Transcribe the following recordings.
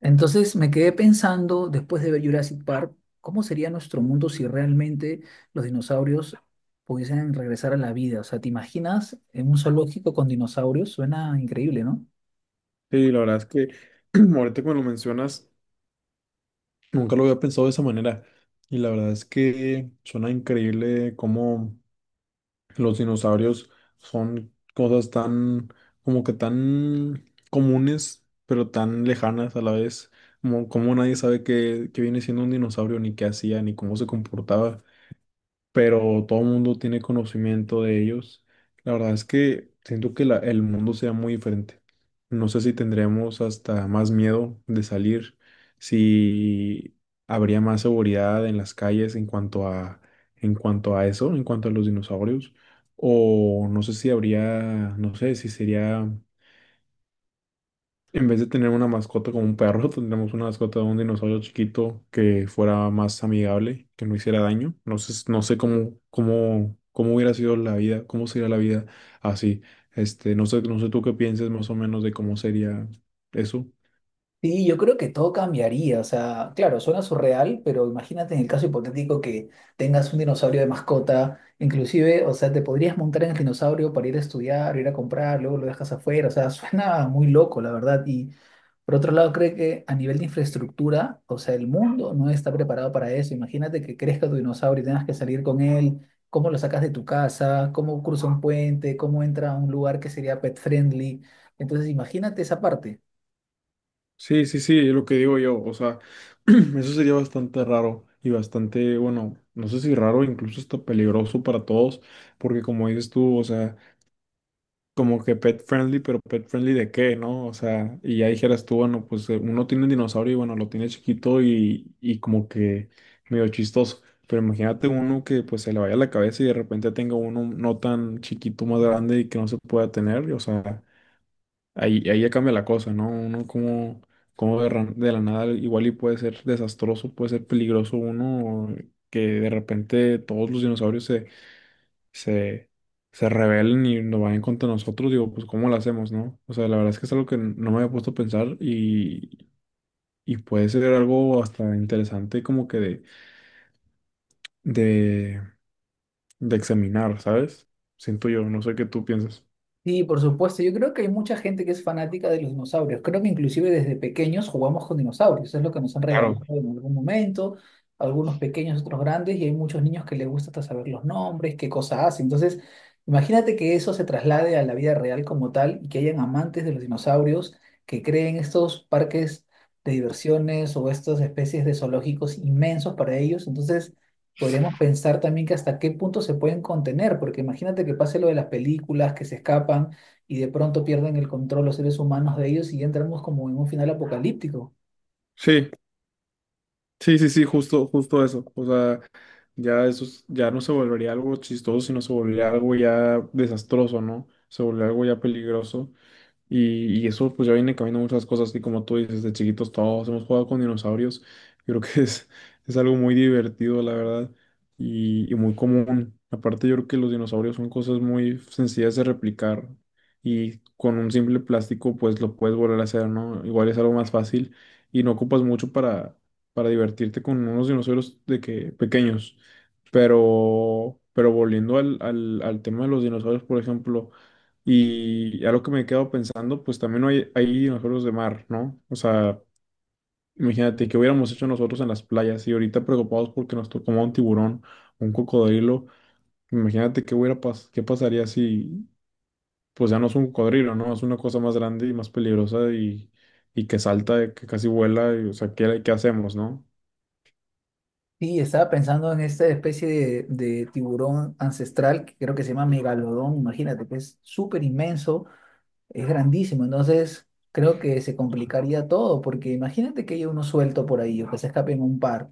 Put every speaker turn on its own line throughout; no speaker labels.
Entonces me quedé pensando, después de ver Jurassic Park, ¿cómo sería nuestro mundo si realmente los dinosaurios pudiesen regresar a la vida? O sea, ¿te imaginas en un zoológico con dinosaurios? Suena increíble, ¿no?
Sí, la verdad es que ahorita como lo mencionas, nunca lo había pensado de esa manera. Y la verdad es que suena increíble cómo los dinosaurios son cosas tan, como que tan comunes, pero tan lejanas a la vez. Como nadie sabe qué viene siendo un dinosaurio, ni qué hacía, ni cómo se comportaba, pero todo el mundo tiene conocimiento de ellos. La verdad es que siento que el mundo sea muy diferente. No sé si tendríamos hasta más miedo de salir, si habría más seguridad en las calles en cuanto a eso, en cuanto a los dinosaurios, o no sé si habría, no sé si sería, en vez de tener una mascota como un perro, tendríamos una mascota de un dinosaurio chiquito que fuera más amigable, que no hiciera daño. No sé, no sé cómo, cómo, cómo hubiera sido la vida, cómo sería la vida así. Este, no sé, no sé tú qué pienses más o menos de cómo sería eso.
Sí, yo creo que todo cambiaría. O sea, claro, suena surreal, pero imagínate en el caso hipotético que tengas un dinosaurio de mascota, inclusive, o sea, te podrías montar en el dinosaurio para ir a estudiar, ir a comprar, luego lo dejas afuera. O sea, suena muy loco, la verdad. Y por otro lado, creo que a nivel de infraestructura, o sea, el mundo no está preparado para eso. Imagínate que crezca tu dinosaurio y tengas que salir con él. ¿Cómo lo sacas de tu casa? ¿Cómo cruza un puente? ¿Cómo entra a un lugar que sería pet friendly? Entonces, imagínate esa parte.
Sí, sí, sí, es lo que digo yo. O sea, eso sería bastante raro y bastante, bueno, no sé si raro, incluso hasta peligroso para todos, porque como dices tú, o sea, como que pet friendly, pero pet friendly de qué, ¿no? O sea, y ya dijeras tú, bueno, pues uno tiene un dinosaurio y bueno, lo tiene chiquito y como que medio chistoso. Pero imagínate uno que pues se le vaya la cabeza y de repente tenga uno no tan chiquito, más grande y que no se pueda tener. O sea, ahí, ahí ya cambia la cosa, ¿no? Uno como, como de, de la nada igual y puede ser desastroso, puede ser peligroso uno que de repente todos los dinosaurios se, se rebelen y nos vayan contra nosotros, digo, pues ¿cómo lo hacemos, no? O sea, la verdad es que es algo que no me había puesto a pensar y puede ser algo hasta interesante como que de, de examinar, ¿sabes? Siento yo, no sé qué tú piensas.
Sí, por supuesto. Yo creo que hay mucha gente que es fanática de los dinosaurios. Creo que inclusive desde pequeños jugamos con dinosaurios. Es lo que nos han
Claro.
regalado en algún momento. Algunos pequeños, otros grandes. Y hay muchos niños que les gusta hasta saber los nombres, qué cosa hace. Entonces, imagínate que eso se traslade a la vida real como tal y que hayan amantes de los dinosaurios que creen estos parques de diversiones o estas especies de zoológicos inmensos para ellos. Entonces podríamos pensar también que hasta qué punto se pueden contener, porque imagínate que pase lo de las películas, que se escapan y de pronto pierden el control los seres humanos de ellos y ya entramos como en un final apocalíptico.
Sí, sí, sí, sí, justo, justo eso. O sea, ya eso, ya no se volvería algo chistoso, sino se volvería algo ya desastroso, ¿no? Se volvería algo ya peligroso. Y eso pues ya viene cambiando muchas cosas y como tú dices, de chiquitos todos hemos jugado con dinosaurios. Yo creo que es algo muy divertido, la verdad, y muy común. Aparte yo creo que los dinosaurios son cosas muy sencillas de replicar y con un simple plástico pues lo puedes volver a hacer, ¿no? Igual es algo más fácil y no ocupas mucho para divertirte con unos dinosaurios de que pequeños. Pero volviendo al tema de los dinosaurios, por ejemplo. Y a lo que me quedo pensando, pues también hay dinosaurios de mar, ¿no? O sea, imagínate que hubiéramos hecho nosotros en las playas y ahorita preocupados porque nos tocó un tiburón, o un cocodrilo. Imagínate qué pasaría si, pues ya no es un cocodrilo, ¿no? Es una cosa más grande y más peligrosa y que salta, que casi vuela, y, o sea, ¿qué, qué hacemos, no?
Sí, estaba pensando en esta especie de tiburón ancestral que creo que se llama megalodón, imagínate, que es súper inmenso, es grandísimo, entonces creo que se complicaría todo, porque imagínate que haya uno suelto por ahí o que se escapen un par.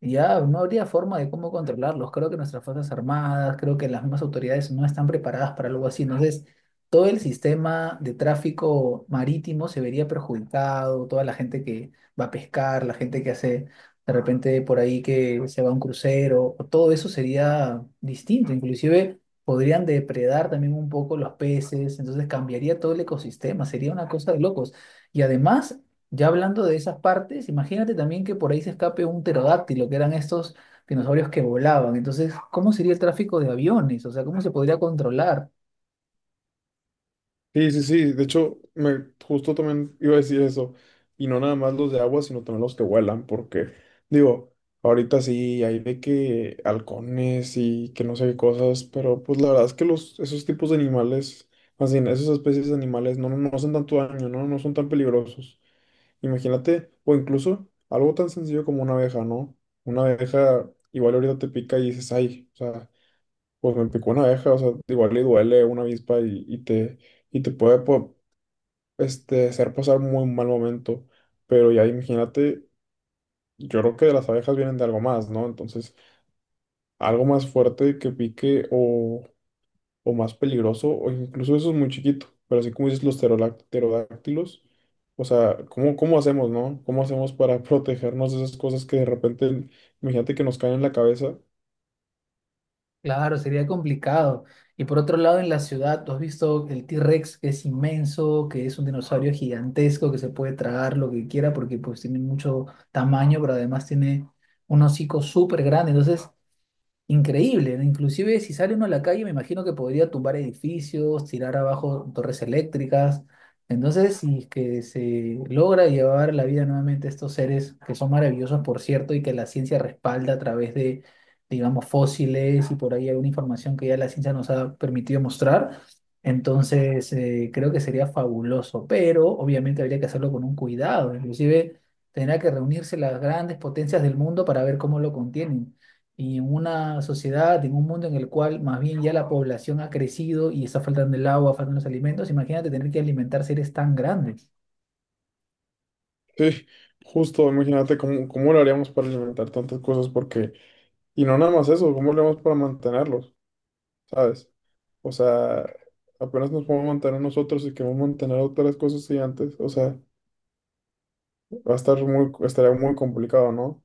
Ya, no habría forma de cómo controlarlos. Creo que nuestras Fuerzas Armadas, creo que las mismas autoridades no están preparadas para algo así. Entonces, todo el sistema de tráfico marítimo se vería perjudicado, toda la gente que va a pescar, la gente que hace de repente por ahí que se va a un crucero, todo eso sería distinto. Inclusive podrían depredar también un poco los peces, entonces cambiaría todo el ecosistema, sería una cosa de locos. Y además, ya hablando de esas partes, imagínate también que por ahí se escape un pterodáctilo, que eran estos dinosaurios que volaban. Entonces, ¿cómo sería el tráfico de aviones? O sea, ¿cómo se podría controlar?
Sí, sí, sí. De hecho, me justo también iba a decir eso. Y no nada más los de agua, sino también los que vuelan, porque digo, ahorita sí hay de que halcones y que no sé qué cosas, pero pues la verdad es que los, esos tipos de animales, más bien, esas especies de animales no, no hacen tanto daño, ¿no? No son tan peligrosos. Imagínate, o incluso algo tan sencillo como una abeja, ¿no? Una abeja igual ahorita te pica y dices, ay, o sea, pues me picó una abeja, o sea, igual le duele una avispa y te puede... hacer pasar un muy mal momento, pero ya imagínate, yo creo que de las abejas vienen de algo más, ¿no? Entonces, algo más fuerte que pique o más peligroso, o incluso eso es muy chiquito, pero así como dices los pterodáctilos, o sea, ¿cómo, cómo hacemos, no? ¿Cómo hacemos para protegernos de esas cosas que de repente, imagínate que nos caen en la cabeza?
Claro, sería complicado. Y por otro lado, en la ciudad, tú has visto el T-Rex, que es inmenso, que es un dinosaurio gigantesco, que se puede tragar lo que quiera porque pues tiene mucho tamaño, pero además tiene un hocico súper grande. Entonces, increíble, ¿no? Inclusive si sale uno a la calle, me imagino que podría tumbar edificios, tirar abajo torres eléctricas. Entonces, si es que se logra llevar la vida nuevamente a estos seres, que son maravillosos, por cierto, y que la ciencia respalda a través de, digamos, fósiles y por ahí alguna información que ya la ciencia nos ha permitido mostrar, entonces creo que sería fabuloso, pero obviamente habría que hacerlo con un cuidado, inclusive tendrá que reunirse las grandes potencias del mundo para ver cómo lo contienen y en una sociedad, en un mundo en el cual más bien ya la población ha crecido y está faltando el agua, faltan los alimentos, imagínate tener que alimentar seres tan grandes.
Sí, justo, imagínate cómo, cómo lo haríamos para alimentar tantas cosas, porque, y no nada más eso, ¿cómo lo haríamos para mantenerlos? ¿Sabes? O sea, apenas nos podemos mantener nosotros y queremos mantener otras cosas y antes, o sea, va a estar muy, estaría muy complicado, ¿no?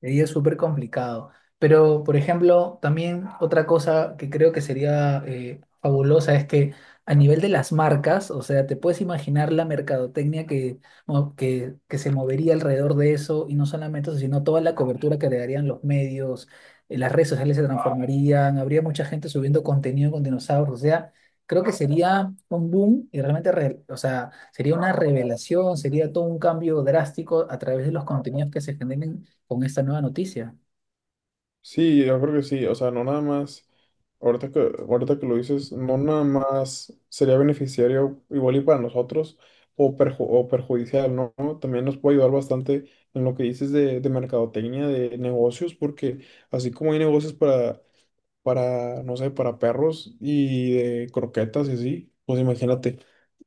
Y es súper complicado. Pero, por ejemplo, también otra cosa que creo que sería fabulosa es que a nivel de las marcas, o sea, te puedes imaginar la mercadotecnia que se movería alrededor de eso y no solamente eso, sino toda la cobertura que le darían los medios, las redes sociales se transformarían, habría mucha gente subiendo contenido con dinosaurios, o sea, creo que sería un boom y realmente, o sea, sería una revelación, sería todo un cambio drástico a través de los contenidos que se generen con esta nueva noticia.
Sí, yo creo que sí, o sea, no nada más, ahorita que, ahorita que lo dices, no nada más sería beneficiario igual y para nosotros o, o perjudicial, ¿no? También nos puede ayudar bastante en lo que dices de mercadotecnia, de negocios, porque así como hay negocios para, no sé, para perros y de croquetas y así, pues imagínate,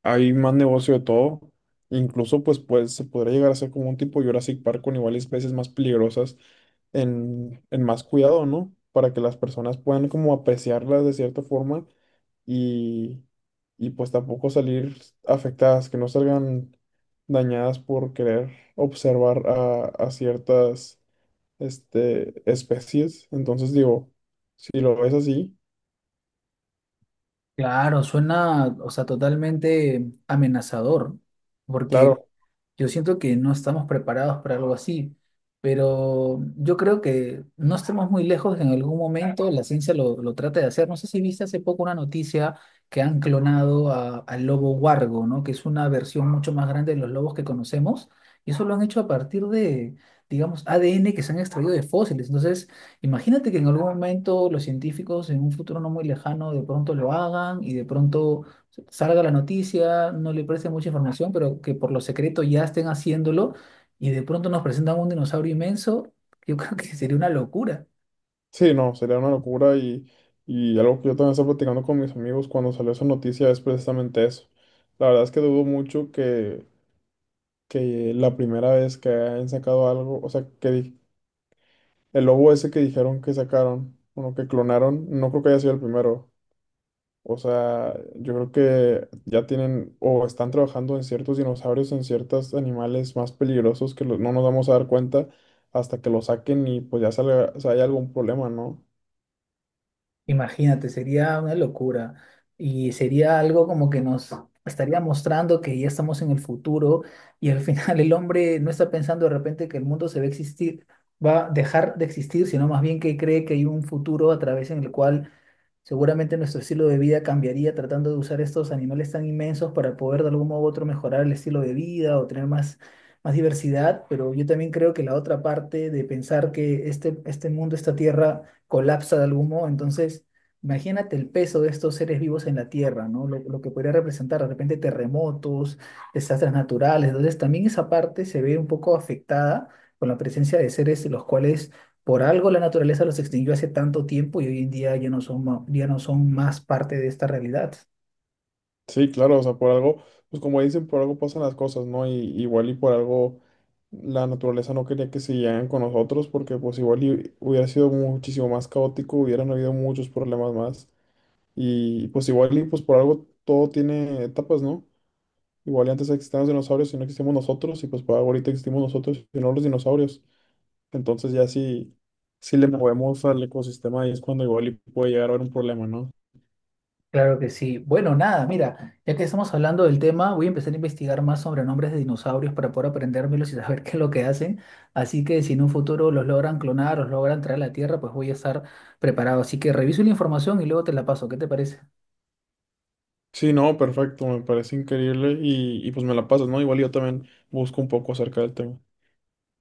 hay más negocio de todo, incluso pues, pues se podría llegar a ser como un tipo Jurassic Park con igual y especies más peligrosas en más cuidado, ¿no? Para que las personas puedan como apreciarlas de cierta forma y, y pues tampoco salir afectadas, que no salgan dañadas por querer observar a ciertas este, especies. Entonces digo, si lo ves así,
Claro, suena, o sea, totalmente amenazador, porque
claro,
yo siento que no estamos preparados para algo así, pero yo creo que no estemos muy lejos de que en algún momento la ciencia lo trate de hacer. No sé si viste hace poco una noticia que han clonado al lobo huargo, ¿no? Que es una versión mucho más grande de los lobos que conocemos. Y eso lo han hecho a partir de, digamos, ADN que se han extraído de fósiles. Entonces, imagínate que en algún momento los científicos en un futuro no muy lejano de pronto lo hagan y de pronto salga la noticia, no le preste mucha información, pero que por lo secreto ya estén haciéndolo y de pronto nos presentan un dinosaurio inmenso, yo creo que sería una locura.
sí, no, sería una locura y algo que yo también estaba platicando con mis amigos cuando salió esa noticia es precisamente eso. La verdad es que dudo mucho que la primera vez que han sacado algo, o sea, el lobo ese que dijeron que sacaron, bueno, que clonaron, no creo que haya sido el primero. O sea, yo creo que ya tienen o están trabajando en ciertos dinosaurios, en ciertos animales más peligrosos que no nos vamos a dar cuenta hasta que lo saquen y pues ya salga, o sea, hay algún problema, ¿no?
Imagínate, sería una locura. Y sería algo como que nos estaría mostrando que ya estamos en el futuro y al final el hombre no está pensando de repente que el mundo se va a existir, va a dejar de existir, sino más bien que cree que hay un futuro a través en el cual seguramente nuestro estilo de vida cambiaría tratando de usar estos animales tan inmensos para poder de algún modo u otro mejorar el estilo de vida o tener más, más diversidad, pero yo también creo que la otra parte de pensar que este mundo, esta tierra, colapsa de algún modo, entonces imagínate el peso de estos seres vivos en la tierra, ¿no? Lo que podría representar de repente terremotos, desastres naturales, entonces también esa parte se ve un poco afectada con la presencia de seres los cuales por algo la naturaleza los extinguió hace tanto tiempo y hoy en día ya no son, ya no son más parte de esta realidad.
Sí, claro, o sea, por algo, pues como dicen, por algo pasan las cosas, ¿no? Y igual y por algo la naturaleza no quería que se siguieran con nosotros, porque pues igual y hubiera sido muchísimo más caótico, hubieran habido muchos problemas más. Y pues igual y pues por algo todo tiene etapas, ¿no? Igual y antes existían los dinosaurios y no existimos nosotros, y pues por algo ahorita existimos nosotros y no los dinosaurios. Entonces ya sí, sí le movemos al ecosistema y es cuando igual y puede llegar a haber un problema, ¿no?
Claro que sí. Bueno, nada, mira, ya que estamos hablando del tema, voy a empezar a investigar más sobre nombres de dinosaurios para poder aprendérmelos y saber qué es lo que hacen. Así que si en un futuro los logran clonar, los logran traer a la Tierra, pues voy a estar preparado. Así que reviso la información y luego te la paso. ¿Qué te parece?
Sí, no, perfecto, me parece increíble y pues me la pasas, ¿no? Igual yo también busco un poco acerca del tema.